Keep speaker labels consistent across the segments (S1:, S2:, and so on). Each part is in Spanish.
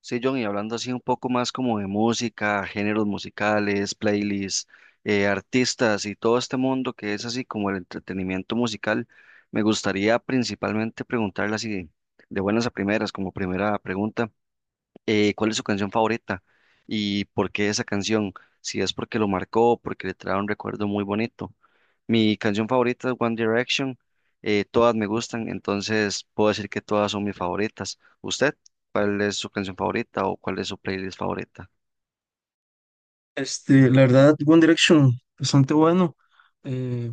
S1: Sí, John, y hablando así un poco más como de música, géneros musicales, playlists, artistas y todo este mundo que es así como el entretenimiento musical, me gustaría principalmente preguntarle así de buenas a primeras, como primera pregunta, cuál es su canción favorita y por qué esa canción, si es porque lo marcó, porque le trae un recuerdo muy bonito. Mi canción favorita es One Direction, todas me gustan, entonces puedo decir que todas son mis favoritas. ¿Usted cuál es su canción favorita o cuál es su playlist favorita?
S2: La verdad, One Direction, bastante bueno. eh,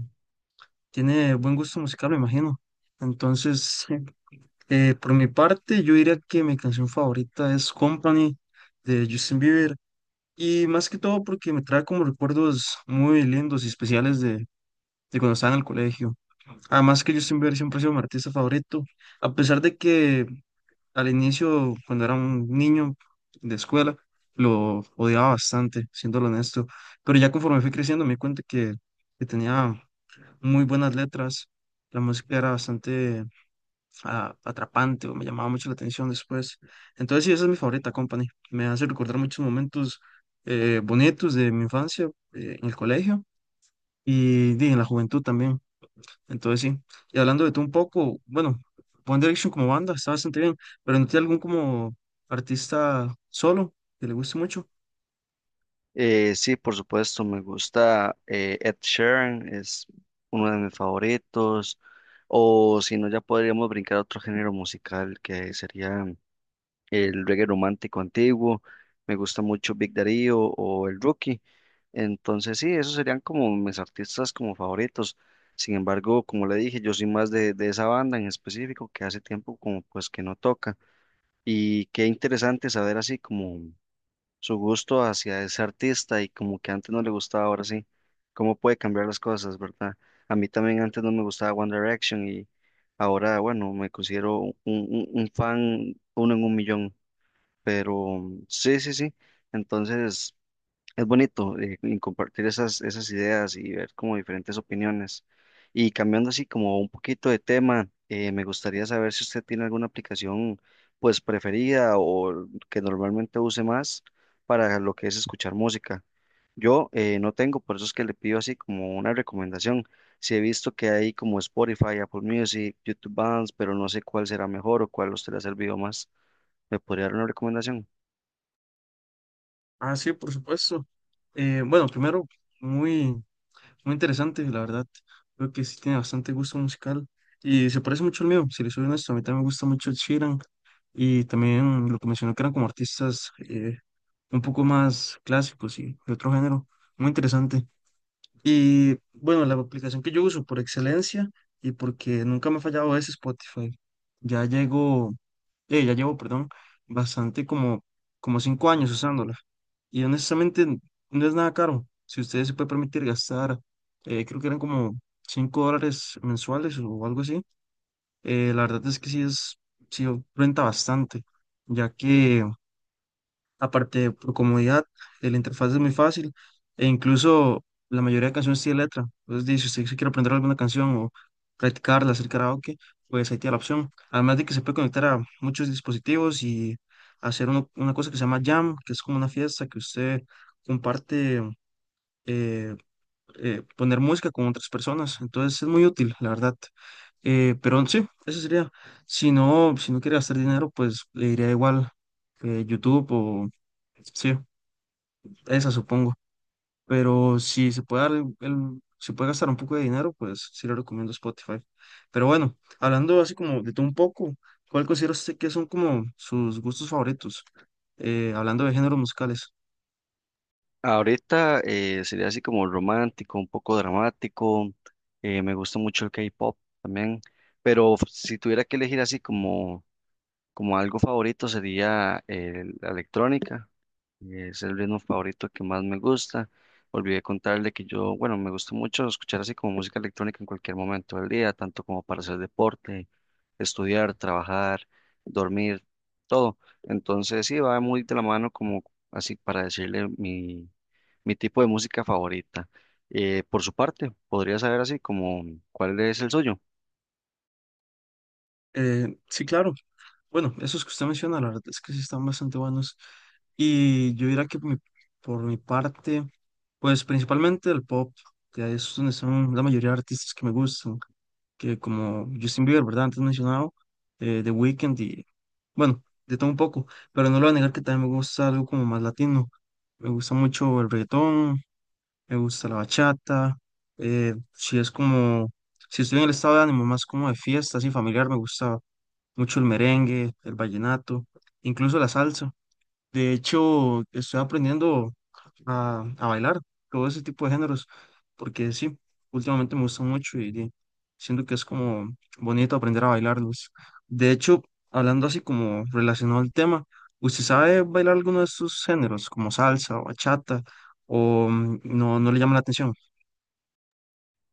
S2: Tiene buen gusto musical, me imagino. Entonces, sí. Por mi parte, yo diría que mi canción favorita es Company de Justin Bieber. Y más que todo porque me trae como recuerdos muy lindos y especiales de cuando estaba en el colegio. Además que Justin Bieber siempre ha sido mi artista favorito. A pesar de que al inicio, cuando era un niño de escuela, lo odiaba bastante, siéndolo honesto, pero ya conforme fui creciendo me di cuenta que tenía muy buenas letras, la música era bastante atrapante o me llamaba mucho la atención después. Entonces sí, esa es mi favorita, Company. Me hace recordar muchos momentos bonitos de mi infancia en el colegio y, di, en la juventud también. Entonces sí, y hablando de tú un poco, bueno, One Direction como banda está bastante bien, pero ¿no tiene algún como artista solo que le guste mucho?
S1: Sí, por supuesto, me gusta Ed Sheeran, es uno de mis favoritos, o si no, ya podríamos brincar a otro género musical que sería el reggae romántico antiguo. Me gusta mucho Big Darío o el Rookie. Entonces sí, esos serían como mis artistas como favoritos. Sin embargo, como le dije, yo soy más de esa banda en específico que hace tiempo como pues que no toca. Y qué interesante saber así como su gusto hacia ese artista y como que antes no le gustaba, ahora sí. Cómo puede cambiar las cosas, ¿verdad? A mí también antes no me gustaba One Direction y ahora, bueno, me considero un fan uno en un millón. Pero sí, sí, sí. Entonces es bonito y compartir esas ideas y ver como diferentes opiniones. Y cambiando así como un poquito de tema, me gustaría saber si usted tiene alguna aplicación pues preferida o que normalmente use más para lo que es escuchar música. Yo no tengo, por eso es que le pido así como una recomendación. Si he visto que hay como Spotify, Apple Music, YouTube Bands, pero no sé cuál será mejor o cuál a usted le ha servido más. ¿Me podría dar una recomendación?
S2: Ah, sí, por supuesto. Bueno, primero, muy, muy interesante, la verdad. Creo que sí tiene bastante gusto musical y se parece mucho al mío, si le soy honesto, a mí también me gusta mucho Ed Sheeran y también lo que mencionó que eran como artistas un poco más clásicos y de otro género. Muy interesante. Y bueno, la aplicación que yo uso por excelencia y porque nunca me ha fallado es Spotify. Ya llego, ya llevo, perdón, bastante como 5 años usándola. Y honestamente no es nada caro. Si ustedes se puede permitir gastar, creo que eran como $5 mensuales o algo así. La verdad es que sí es, sí renta bastante, ya que aparte, por comodidad, la interfaz es muy fácil e incluso la mayoría de canciones tiene letra. Entonces, di, si usted se quiere aprender alguna canción o practicarla, hacer karaoke, pues ahí tiene la opción. Además de que se puede conectar a muchos dispositivos y hacer una cosa que se llama Jam, que es como una fiesta que usted comparte eh, poner música con otras personas. Entonces es muy útil, la verdad. Pero sí, eso sería. Si no, si no quiere gastar dinero, pues le iría igual YouTube o sí, esa supongo. Pero si se puede dar si puede gastar un poco de dinero, pues sí le recomiendo Spotify. Pero bueno, hablando así como de todo un poco, ¿cuál considera usted que son como sus gustos favoritos? Hablando de géneros musicales.
S1: Ahorita sería así como romántico, un poco dramático. Me gusta mucho el K-pop también. Pero si tuviera que elegir así como, como algo favorito, sería la electrónica. Es el ritmo favorito que más me gusta. Olvidé contarle que yo, bueno, me gusta mucho escuchar así como música electrónica en cualquier momento del día, tanto como para hacer deporte, estudiar, trabajar, dormir, todo. Entonces sí, va muy de la mano como así para decirle mi tipo de música favorita. Por su parte, podría saber así como cuál es el suyo.
S2: Sí, claro. Bueno, esos que usted menciona, la verdad es que sí están bastante buenos. Y yo diría que por mi parte, pues principalmente el pop, que es donde están la mayoría de artistas que me gustan, que como Justin Bieber, ¿verdad? Antes mencionado, The Weeknd y, bueno, de todo un poco, pero no lo voy a negar que también me gusta algo como más latino. Me gusta mucho el reggaetón, me gusta la bachata, eh, si es como, si estoy en el estado de ánimo más como de fiesta, así familiar, me gusta mucho el merengue, el vallenato, incluso la salsa. De hecho, estoy aprendiendo a bailar todo ese tipo de géneros, porque sí, últimamente me gusta mucho y siento que es como bonito aprender a bailarlos. De hecho, hablando así como relacionado al tema, ¿usted sabe bailar alguno de estos géneros, como salsa o bachata, o no, no le llama la atención?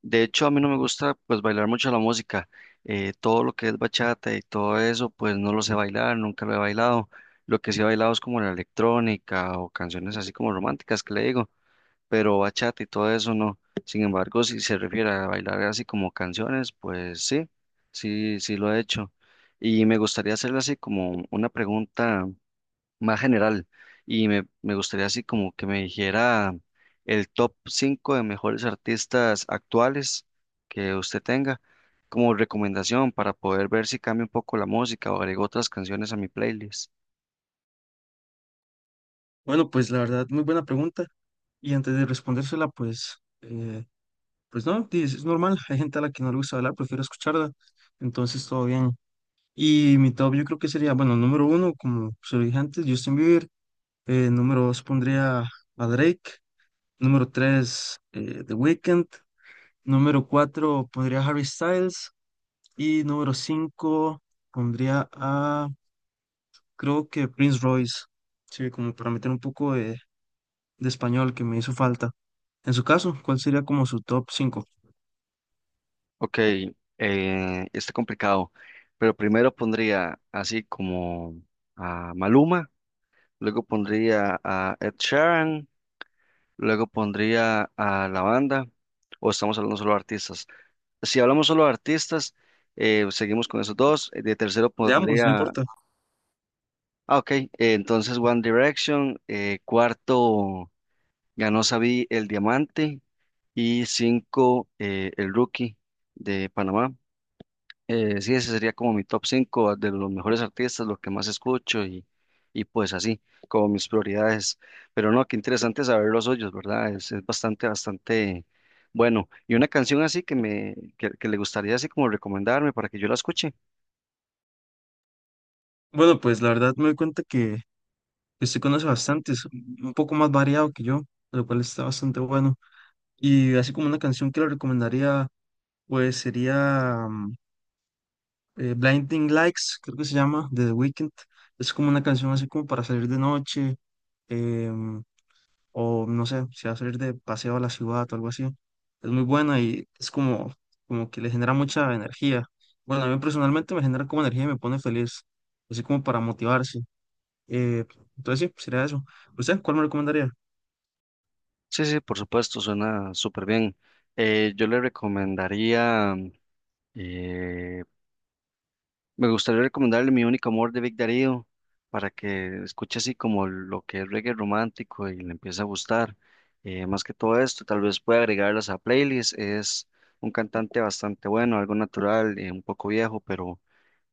S1: De hecho, a mí no me gusta pues bailar mucho la música. Todo lo que es bachata y todo eso, pues no lo sé bailar, nunca lo he bailado. Lo que sí he bailado es como la electrónica o canciones así como románticas que le digo, pero bachata y todo eso no. Sin embargo, si se refiere a bailar así como canciones, pues sí, sí, sí lo he hecho. Y me gustaría hacerle así como una pregunta más general y me gustaría así como que me dijera el top 5 de mejores artistas actuales que usted tenga como recomendación para poder ver si cambia un poco la música o agrego otras canciones a mi playlist.
S2: Bueno, pues la verdad, muy buena pregunta. Y antes de respondérsela, pues no, dices, es normal, hay gente a la que no le gusta hablar, prefiero escucharla, entonces todo bien. Y mi top yo creo que sería, bueno, número uno, como se lo dije antes, Justin Bieber, número dos pondría a Drake, número tres, The Weeknd, número cuatro pondría a Harry Styles y número cinco pondría a, creo que Prince Royce, sí, como para meter un poco de español que me hizo falta. En su caso, ¿cuál sería como su top cinco?
S1: Ok, está complicado, pero primero pondría así como a Maluma, luego pondría a Ed Sheeran, luego pondría a la banda, o estamos hablando solo de artistas. Si hablamos solo de artistas, seguimos con esos dos. De tercero
S2: De ambos, no
S1: pondría.
S2: importa.
S1: Ah, ok. Entonces One Direction. Cuarto ganó Sabi el Diamante. Y cinco, el Rookie de Panamá. Sí, ese sería como mi top 5 de los mejores artistas, lo que más escucho y pues así, como mis prioridades. Pero no, qué interesante saber los hoyos, ¿verdad? Es bastante, bastante bueno. Y una canción así que me, que le gustaría así como recomendarme para que yo la escuche.
S2: Bueno, pues la verdad me doy cuenta que usted conoce bastantes, un poco más variado que yo, lo cual está bastante bueno. Y así como una canción que le recomendaría, pues sería Blinding Lights, creo que se llama, de The Weeknd. Es como una canción así como para salir de noche, em, o no sé, si va a salir de paseo a la ciudad o algo así. Es muy buena y es como, como que le genera mucha energía. Bueno, a mí personalmente me genera como energía y me pone feliz, así como para motivarse. Eh, entonces sí, sería eso. ¿Usted cuál me recomendaría?
S1: Sí, sí, por supuesto, suena súper bien. Yo le recomendaría, eh, me gustaría recomendarle Mi Único Amor de Vic Darío para que escuche así como lo que es reggae romántico y le empiece a gustar. Más que todo esto, tal vez pueda agregarlas a playlist. Es un cantante bastante bueno, algo natural, un poco viejo, pero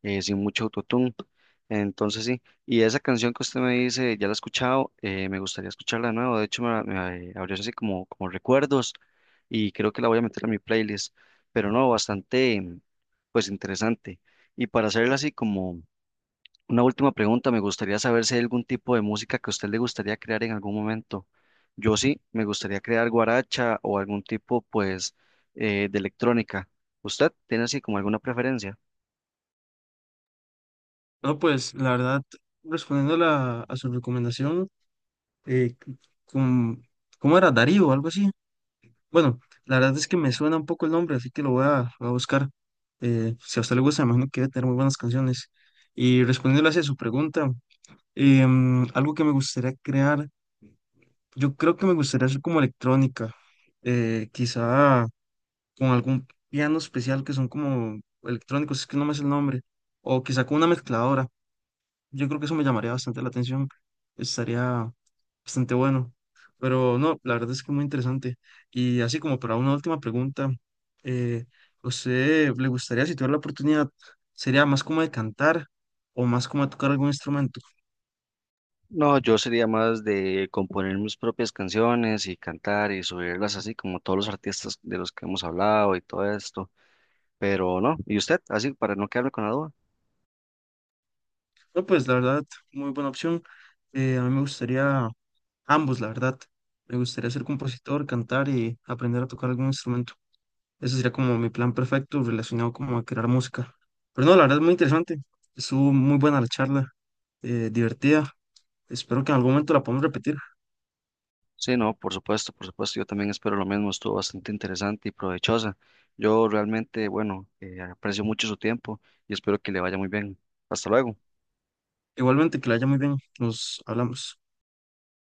S1: sin mucho autotune. Entonces sí, y esa canción que usted me dice, ya la he escuchado. Eh, me gustaría escucharla de nuevo, de hecho me abrió así como, como recuerdos y creo que la voy a meter a mi playlist, pero no, bastante pues interesante. Y para hacerla así como una última pregunta, me gustaría saber si hay algún tipo de música que a usted le gustaría crear en algún momento. Yo sí, me gustaría crear guaracha o algún tipo pues de electrónica. ¿Usted tiene así como alguna preferencia?
S2: No, pues la verdad, respondiendo a su recomendación, eh, con ¿cómo era? Darío o algo así. Bueno, la verdad es que me suena un poco el nombre, así que lo voy a buscar. Si a usted le gusta, me imagino que debe tener muy buenas canciones. Y respondiéndole hacia su pregunta, algo que me gustaría crear, yo creo que me gustaría hacer como electrónica, quizá con algún piano especial que son como electrónicos, es que no me es el nombre, o quizá con una mezcladora. Yo creo que eso me llamaría bastante la atención. Estaría bastante bueno. Pero no, la verdad es que muy interesante. Y así como para una última pregunta, eh, ¿usted le gustaría, si tuviera la oportunidad, sería más como de cantar o más como de tocar algún instrumento?
S1: No, yo sería más de componer mis propias canciones y cantar y subirlas así como todos los artistas de los que hemos hablado y todo esto. Pero no, ¿y usted? Así para no quedarme con la duda.
S2: No, pues la verdad, muy buena opción. A mí me gustaría ambos, la verdad. Me gustaría ser compositor, cantar y aprender a tocar algún instrumento. Ese sería como mi plan perfecto relacionado como a crear música. Pero no, la verdad es muy interesante. Estuvo muy buena la charla, divertida. Espero que en algún momento la podamos repetir.
S1: Sí, no, por supuesto, yo también espero lo mismo. Estuvo bastante interesante y provechosa. Yo realmente, bueno, aprecio mucho su tiempo y espero que le vaya muy bien. Hasta luego.
S2: Igualmente, que la haya muy bien. Nos hablamos.